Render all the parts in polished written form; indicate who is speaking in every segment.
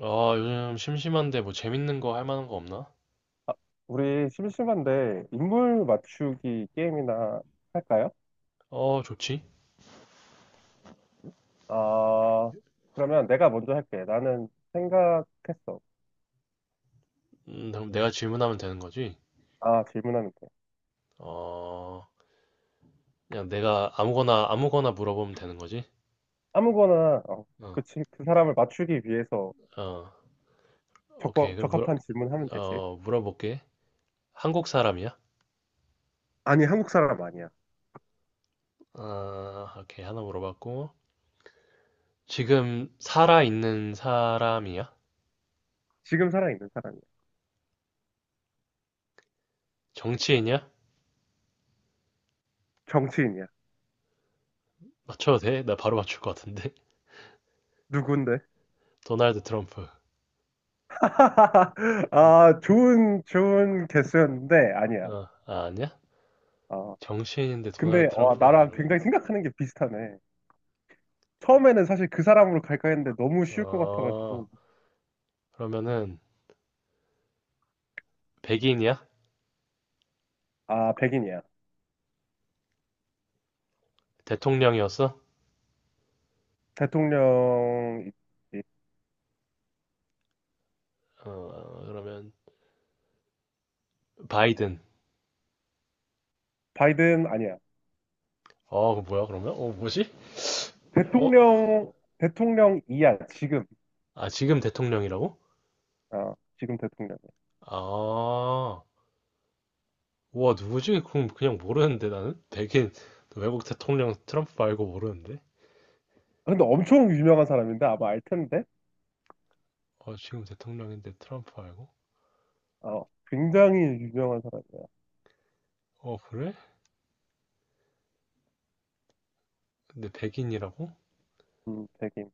Speaker 1: 아, 요즘 심심한데 뭐 재밌는 거 할 만한 거 없나?
Speaker 2: 우리 심심한데 인물 맞추기 게임이나 할까요?
Speaker 1: 어, 좋지.
Speaker 2: 아, 그러면 내가 먼저 할게. 나는 생각했어.
Speaker 1: 그럼 내가 질문하면 되는 거지?
Speaker 2: 질문하면 돼.
Speaker 1: 어, 그냥 내가 아무거나 물어보면 되는 거지?
Speaker 2: 아무거나,
Speaker 1: 어,
Speaker 2: 그 사람을 맞추기 위해서
Speaker 1: 어,
Speaker 2: 적,
Speaker 1: 오케이.
Speaker 2: 적합한 질문하면 되지.
Speaker 1: 어, 물어볼게. 한국 사람이야?
Speaker 2: 아니, 한국 사람 아니야.
Speaker 1: 아, 오케이. 하나 물어봤고. 지금 살아있는 사람이야?
Speaker 2: 지금 살아있는 사람이야.
Speaker 1: 정치인이야?
Speaker 2: 정치인이야.
Speaker 1: 맞춰도 돼? 나 바로 맞출 것 같은데.
Speaker 2: 누군데?
Speaker 1: 도널드 트럼프. 아,
Speaker 2: 좋은, 좋은 개수였는데, 아니야.
Speaker 1: 아, 아니야?
Speaker 2: 아,
Speaker 1: 정치인인데 도널드
Speaker 2: 근데, 와,
Speaker 1: 트럼프가
Speaker 2: 나랑
Speaker 1: 아니라고?
Speaker 2: 굉장히 생각하는 게 비슷하네. 처음에는 사실 그 사람으로 갈까 했는데 너무 쉬울 것
Speaker 1: 어,
Speaker 2: 같아가지고.
Speaker 1: 그러면은, 백인이야?
Speaker 2: 아, 백인이야.
Speaker 1: 대통령이었어?
Speaker 2: 대통령, 이- 이-
Speaker 1: 어, 그러면 바이든.
Speaker 2: 바이든 아니야.
Speaker 1: 어, 그 뭐야 그러면? 어, 뭐지? 어,
Speaker 2: 대통령, 대통령이야, 지금.
Speaker 1: 아 지금 대통령이라고?
Speaker 2: 어, 지금 대통령이야.
Speaker 1: 아, 우와 누구지? 그럼 그냥 모르는데 나는 백인 외국 대통령 트럼프 말고 모르는데?
Speaker 2: 아, 근데 엄청 유명한 사람인데 아마 알 텐데?
Speaker 1: 어, 지금 대통령인데 트럼프 알고?
Speaker 2: 어, 굉장히 유명한 사람이야.
Speaker 1: 어, 그래? 근데 백인이라고?
Speaker 2: 백인.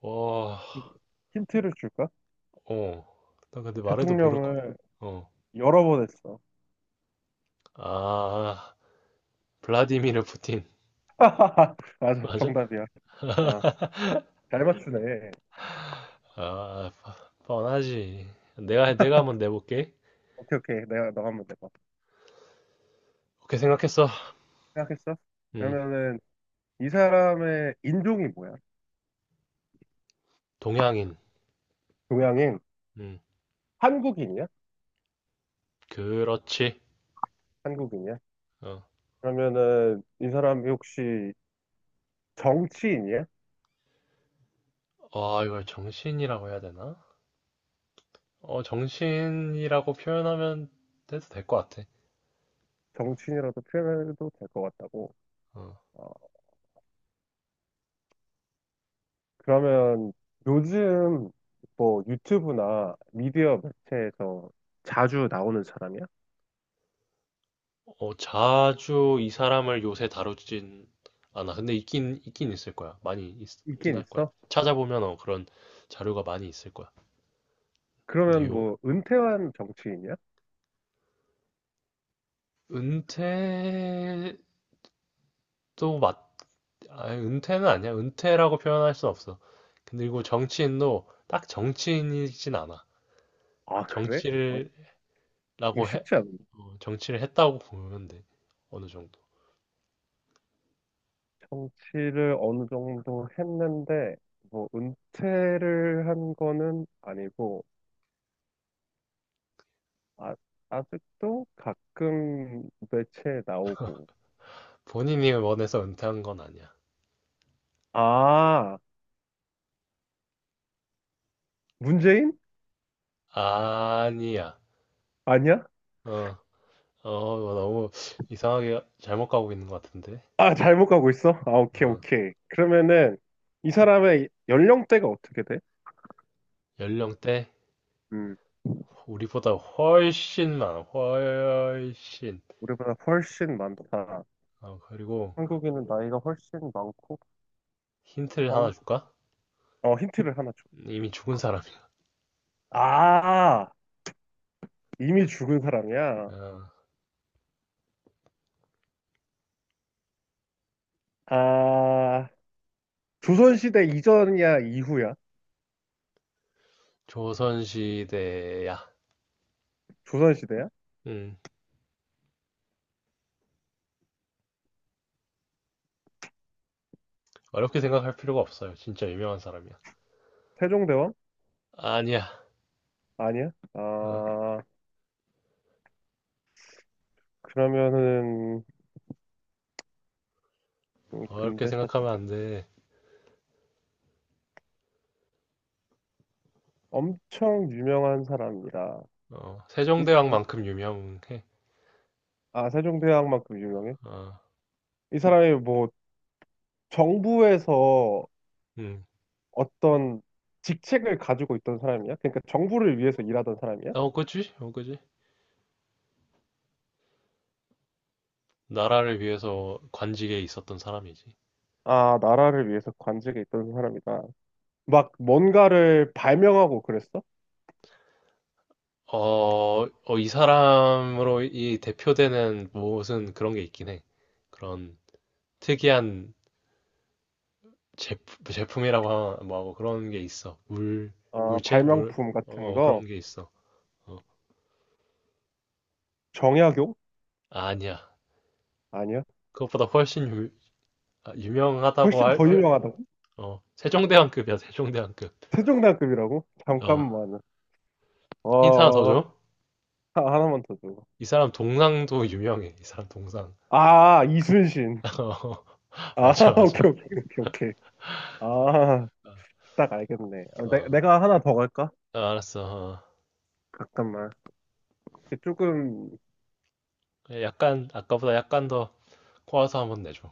Speaker 1: 와,
Speaker 2: 힌트를 줄까?
Speaker 1: 어, 나 근데 말해도 모를 거.
Speaker 2: 대통령을
Speaker 1: 어,
Speaker 2: 여러 번 했어.
Speaker 1: 아, 블라디미르 푸틴
Speaker 2: 맞아,
Speaker 1: 맞아?
Speaker 2: 정답이야. 아, 잘 맞추네.
Speaker 1: 아, 뻔하지. 내가 한번 내볼게.
Speaker 2: 오케이, 오케이. 내가 너 한번 내봐.
Speaker 1: 그렇게 생각했어.
Speaker 2: 생각했어?
Speaker 1: 음,
Speaker 2: 그러면은 이 사람의 인종이 뭐야?
Speaker 1: 동양인.
Speaker 2: 동양인?
Speaker 1: 음,
Speaker 2: 한국인이야?
Speaker 1: 그렇지.
Speaker 2: 한국인이야?
Speaker 1: 어,
Speaker 2: 그러면은 이 사람이 혹시 정치인이야?
Speaker 1: 와, 이걸 정신이라고 해야 되나? 어, 정신이라고 표현하면 돼도 될 것 같아.
Speaker 2: 정치인이라도 표현해도 될 것 같다고.
Speaker 1: 어,
Speaker 2: 어, 그러면 요즘 뭐 유튜브나 미디어 매체에서 자주 나오는 사람이야?
Speaker 1: 자주 이 사람을 요새 다루진 않아. 근데 있긴 있을 거야. 많이 있긴
Speaker 2: 있긴
Speaker 1: 할 거야.
Speaker 2: 있어?
Speaker 1: 찾아보면 어, 그런 자료가 많이 있을 거야.
Speaker 2: 그러면
Speaker 1: 뉴,
Speaker 2: 뭐 은퇴한 정치인이야?
Speaker 1: 은퇴도 맞, 아, 은퇴는 아니야. 은퇴라고 표현할 순 없어. 근데 이거 정치인도 딱 정치인이진 않아.
Speaker 2: 아, 그래? 어,
Speaker 1: 정치라고
Speaker 2: 이거
Speaker 1: 해,
Speaker 2: 쉽지 않은데.
Speaker 1: 어, 정치를 했다고 보면 돼. 어느 정도.
Speaker 2: 정치를 어느 정도 했는데 뭐 은퇴를 한 거는 아니고 아, 아직도 가끔 매체에 나오고
Speaker 1: 본인이 원해서 은퇴한 건 아니야.
Speaker 2: 아, 문재인?
Speaker 1: 아니야.
Speaker 2: 아니야?
Speaker 1: 어, 어, 뭐 너무 이상하게 잘못 가고 있는 것 같은데.
Speaker 2: 아, 잘못 가고 있어? 아, 오케이,
Speaker 1: 어,
Speaker 2: 오케이. 그러면은, 이 사람의 연령대가 어떻게 돼?
Speaker 1: 연령대
Speaker 2: 음,
Speaker 1: 우리보다 훨씬 많아. 훨씬.
Speaker 2: 우리보다 훨씬 많다.
Speaker 1: 어, 그리고
Speaker 2: 한국인은 나이가 훨씬 많고,
Speaker 1: 힌트를 하나
Speaker 2: 정,
Speaker 1: 줄까?
Speaker 2: 어, 힌트를 하나 줘.
Speaker 1: 이미 죽은 사람이야.
Speaker 2: 아, 이미 죽은 사람이야.
Speaker 1: 어,
Speaker 2: 아, 조선시대 이전이야, 이후야?
Speaker 1: 조선시대야.
Speaker 2: 조선시대야?
Speaker 1: 음, 어렵게 생각할 필요가 없어요. 진짜 유명한 사람이야.
Speaker 2: 세종대왕?
Speaker 1: 아니야.
Speaker 2: 아니야?
Speaker 1: 어,
Speaker 2: 그러면은,
Speaker 1: 어렵게
Speaker 2: 근대 사투리.
Speaker 1: 생각하면 안 돼.
Speaker 2: 엄청 유명한 사람이라.
Speaker 1: 어,
Speaker 2: 이, 이
Speaker 1: 세종대왕만큼 유명해.
Speaker 2: 아, 세종대왕만큼 유명해?
Speaker 1: 어,
Speaker 2: 이 사람이 뭐 정부에서
Speaker 1: 음.
Speaker 2: 어떤 직책을 가지고 있던 사람이야? 그러니까 정부를 위해서 일하던 사람이야?
Speaker 1: 어, 그지? 어, 그지? 나라를 위해서 관직에 있었던 사람이지.
Speaker 2: 아, 나라를 위해서 관직에 있던 사람이다. 막 뭔가를 발명하고 그랬어?
Speaker 1: 어, 이 사람으로 이 대표되는 무엇은 그런 게 있긴 해. 그런 특이한 제품이라고 뭐 하고 그런 게 있어.
Speaker 2: 아,
Speaker 1: 물체?
Speaker 2: 발명품 같은
Speaker 1: 어, 어, 그런
Speaker 2: 거?
Speaker 1: 게 있어. 어,
Speaker 2: 정약용?
Speaker 1: 아니야.
Speaker 2: 아니야.
Speaker 1: 그것보다 훨씬 유, 아, 유명하다고
Speaker 2: 훨씬
Speaker 1: 할
Speaker 2: 더 유명하다고?
Speaker 1: 어, 세종대왕급이야, 세종대왕급.
Speaker 2: 세종대왕급이라고?
Speaker 1: 어,
Speaker 2: 잠깐만.
Speaker 1: 힌트 하나 더
Speaker 2: 어, 하-
Speaker 1: 줘.
Speaker 2: 하나만 더 줘.
Speaker 1: 이 사람 동상도 유명해. 이 사람 동상.
Speaker 2: 아, 이순신.
Speaker 1: 어,
Speaker 2: 아,
Speaker 1: 맞아, 맞아.
Speaker 2: 오케이, 오케이, 오케이, 오케이. 아, 딱 알겠네. 어,
Speaker 1: 어,
Speaker 2: 내가 하나 더 갈까?
Speaker 1: 아, 알았어.
Speaker 2: 잠깐만. 이게 조금
Speaker 1: 어. 약간 아까보다 약간 더 꼬아서 한번 내줘.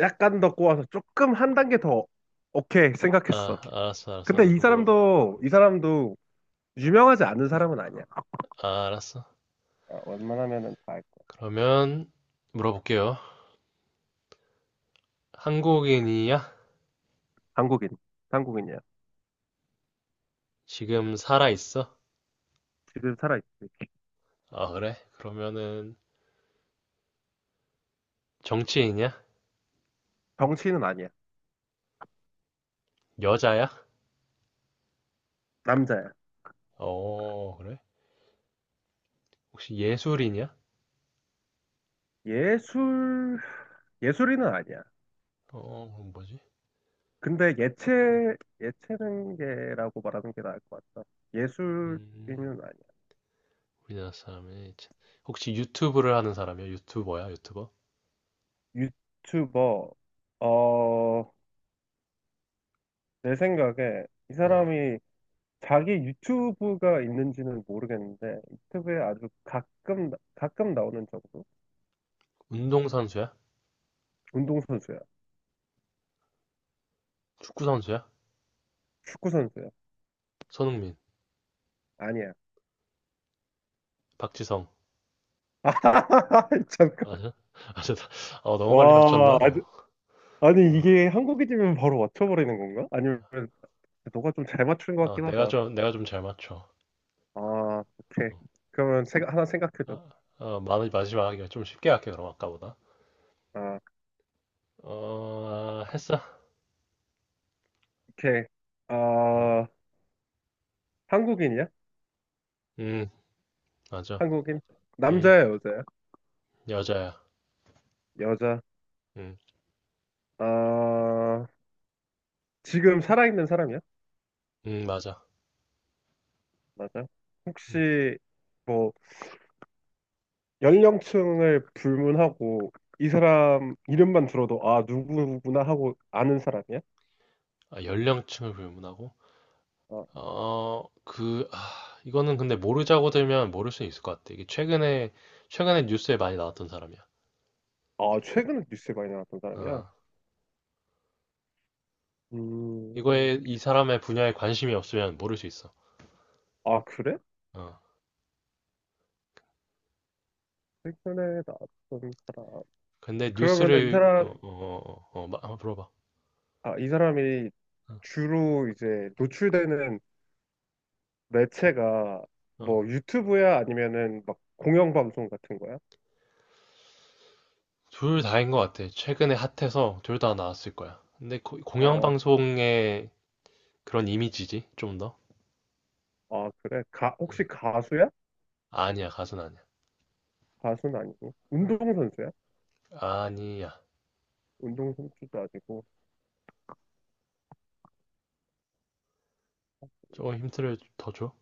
Speaker 2: 약간 더 꼬아서 조금 한 단계 더 오케이 생각했어.
Speaker 1: 아,
Speaker 2: 근데
Speaker 1: 알았어.
Speaker 2: 이
Speaker 1: 그럼 물어.
Speaker 2: 사람도 이 사람도 유명하지 않은 사람은 아니야.
Speaker 1: 아, 알았어.
Speaker 2: 아, 웬만하면은 다 알 거야.
Speaker 1: 그러면 물어볼게요. 한국인이야?
Speaker 2: 한국인. 한국인이야.
Speaker 1: 지금 살아 있어?
Speaker 2: 지금 살아있지.
Speaker 1: 아, 그래? 그러면은 정치인이야?
Speaker 2: 정치인은 아니야.
Speaker 1: 여자야?
Speaker 2: 남자야.
Speaker 1: 어, 그래? 혹시 예술인이야?
Speaker 2: 예술 예술인은 아니야.
Speaker 1: 어, 그럼 뭐지?
Speaker 2: 근데
Speaker 1: 음,
Speaker 2: 예체 예체능계라고 말하는 게 나을 것 같다. 예술인은
Speaker 1: 음,
Speaker 2: 아니야.
Speaker 1: 우리나라 사람이 혹시 유튜브를 하는 사람이야? 유튜버야? 유튜버?
Speaker 2: 유튜버. 어, 내 생각에 이
Speaker 1: 어,
Speaker 2: 사람이 자기 유튜브가 있는지는 모르겠는데 유튜브에 아주 가끔 나오는 정도?
Speaker 1: 운동 선수야?
Speaker 2: 운동선수야.
Speaker 1: 축구 선수야?
Speaker 2: 축구선수야.
Speaker 1: 손흥민,
Speaker 2: 아니야.
Speaker 1: 박지성.
Speaker 2: 아, 잠깐.
Speaker 1: 맞아? 맞아. 어, 너무 빨리 맞췄나?
Speaker 2: 와,
Speaker 1: 어,
Speaker 2: 아주- 아니
Speaker 1: 어.
Speaker 2: 이게 한국인이면 바로 맞춰버리는 건가? 아니면 너가 좀 잘 맞추는 것
Speaker 1: 어,
Speaker 2: 같긴 하다.
Speaker 1: 내가 좀 잘 맞춰.
Speaker 2: 아, 오케이.
Speaker 1: 어,
Speaker 2: 그러면 하나 생각해줘.
Speaker 1: 아, 마지막이야. 좀 쉽게 할게, 그럼 아까보다.
Speaker 2: 아,
Speaker 1: 어, 했어?
Speaker 2: 오케이.
Speaker 1: 음,
Speaker 2: 아, 한국인이야?
Speaker 1: 음, 맞아.
Speaker 2: 한국인?
Speaker 1: 음,
Speaker 2: 남자야, 여자야?
Speaker 1: 여자야.
Speaker 2: 여자.
Speaker 1: 음,
Speaker 2: 아, 지금 살아있는 사람이야?
Speaker 1: 맞아.
Speaker 2: 맞아.
Speaker 1: 음.
Speaker 2: 혹시 뭐 연령층을 불문하고 이 사람 이름만 들어도 아 누구구나 하고 아는 사람이야?
Speaker 1: 아, 연령층을 불문하고?
Speaker 2: 아,
Speaker 1: 아, 이거는 근데 모르자고 들면 모를 수 있을 것 같아. 최근에 뉴스에 많이 나왔던 사람이야.
Speaker 2: 아 최근에 뉴스에 많이 나왔던 사람이야?
Speaker 1: 어.
Speaker 2: 음,
Speaker 1: 이거에 이 사람의 분야에 관심이 없으면 모를 수 있어.
Speaker 2: 아 그래?
Speaker 1: 어.
Speaker 2: 최근에 나왔던 사람.
Speaker 1: 근데
Speaker 2: 그러면은 이
Speaker 1: 뉴스를
Speaker 2: 사람,
Speaker 1: 한번 물어봐.
Speaker 2: 아, 이 사람이
Speaker 1: 어.
Speaker 2: 주로 이제 노출되는 매체가 뭐
Speaker 1: 어.
Speaker 2: 유튜브야 아니면은 막 공영방송 같은 거야?
Speaker 1: 둘 다인 것 같아. 최근에 핫해서 둘 다 나왔을 거야. 근데
Speaker 2: 어, 어,
Speaker 1: 공영방송의 그런 이미지지, 좀 더.
Speaker 2: 아 그래?
Speaker 1: 음.
Speaker 2: 혹시 가수야?
Speaker 1: 아니야, 가수는 아니야.
Speaker 2: 가수는 아니고
Speaker 1: 어.
Speaker 2: 운동선수야?
Speaker 1: 아니야.
Speaker 2: 운동 선수도 아니고.
Speaker 1: 조금 힌트를 더 줘.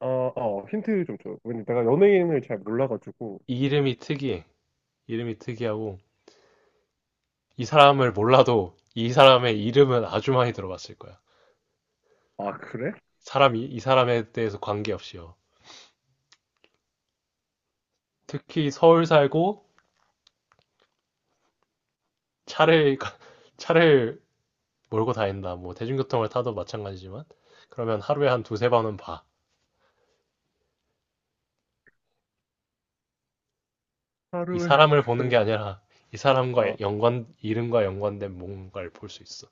Speaker 2: 아, 어, 힌트 좀 줘요. 왜냐 내가 연예인을 잘 몰라가지고.
Speaker 1: 이름이 특이해. 이름이 특이하고 이 사람을 몰라도 이 사람의 이름은 아주 많이 들어봤을 거야.
Speaker 2: 아, 그래?
Speaker 1: 사람이 이 사람에 대해서 관계없이요. 특히 서울 살고 차를 차를 몰고 다닌다. 뭐 대중교통을 타도 마찬가지지만 그러면 하루에 한 두세 번은 봐. 이
Speaker 2: 하루에
Speaker 1: 사람을
Speaker 2: 두
Speaker 1: 보는
Speaker 2: 명.
Speaker 1: 게 아니라 이
Speaker 2: 아,
Speaker 1: 사람과 연관 이름과 연관된 뭔가를 볼 수 있어.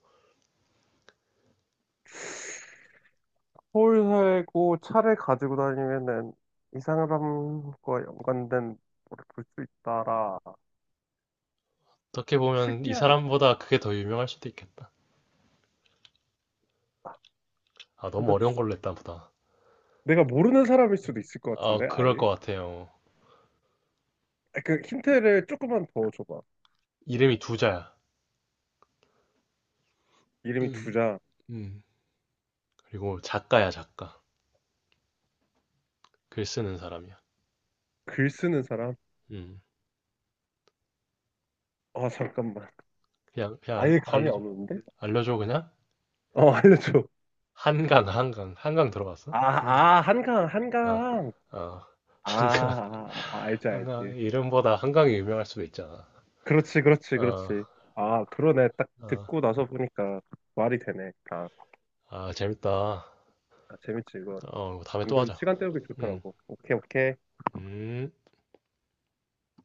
Speaker 2: 서울 살고 차를 가지고 다니면은 이 사람과 연관된 거를 볼 수 있다라.
Speaker 1: 어떻게 보면 이
Speaker 2: 특이한. 일이에요.
Speaker 1: 사람보다 그게 더 유명할 수도 있겠다. 아, 너무
Speaker 2: 근데 지-
Speaker 1: 어려운 걸로 했다 보다.
Speaker 2: 내가 모르는 사람일 수도 있을 것
Speaker 1: 아,
Speaker 2: 같은데, 아예?
Speaker 1: 그럴 것 같아요.
Speaker 2: 아, 그 힌트를 조금만 더 줘봐.
Speaker 1: 이름이 두 자야.
Speaker 2: 이름이
Speaker 1: 음,
Speaker 2: 두자.
Speaker 1: 음. 그리고 작가야, 작가. 글 쓰는 사람이야.
Speaker 2: 글 쓰는 사람?
Speaker 1: 음.
Speaker 2: 아, 잠깐만.
Speaker 1: 그냥
Speaker 2: 아예 감이 안
Speaker 1: 알려줘.
Speaker 2: 오는데?
Speaker 1: 알려줘 그냥.
Speaker 2: 어, 알려줘.
Speaker 1: 한강, 한강. 한강 들어봤어?
Speaker 2: 아,
Speaker 1: 한강
Speaker 2: 아, 한강,
Speaker 1: 아,
Speaker 2: 한강.
Speaker 1: 아,
Speaker 2: 아,
Speaker 1: 한강,
Speaker 2: 아, 아, 알지, 알지.
Speaker 1: 한강, 이름보다 한강이 유명할 수도 있잖아.
Speaker 2: 그렇지, 그렇지,
Speaker 1: 어,
Speaker 2: 그렇지. 아, 그러네. 딱
Speaker 1: 어,
Speaker 2: 듣고 나서 보니까 말이 되네. 아,
Speaker 1: 아, 재밌다.
Speaker 2: 아, 재밌지, 이건.
Speaker 1: 어, 다음에 또
Speaker 2: 은근
Speaker 1: 하자.
Speaker 2: 시간 때우기
Speaker 1: 음,
Speaker 2: 좋더라고. 오케이, 오케이.
Speaker 1: 음.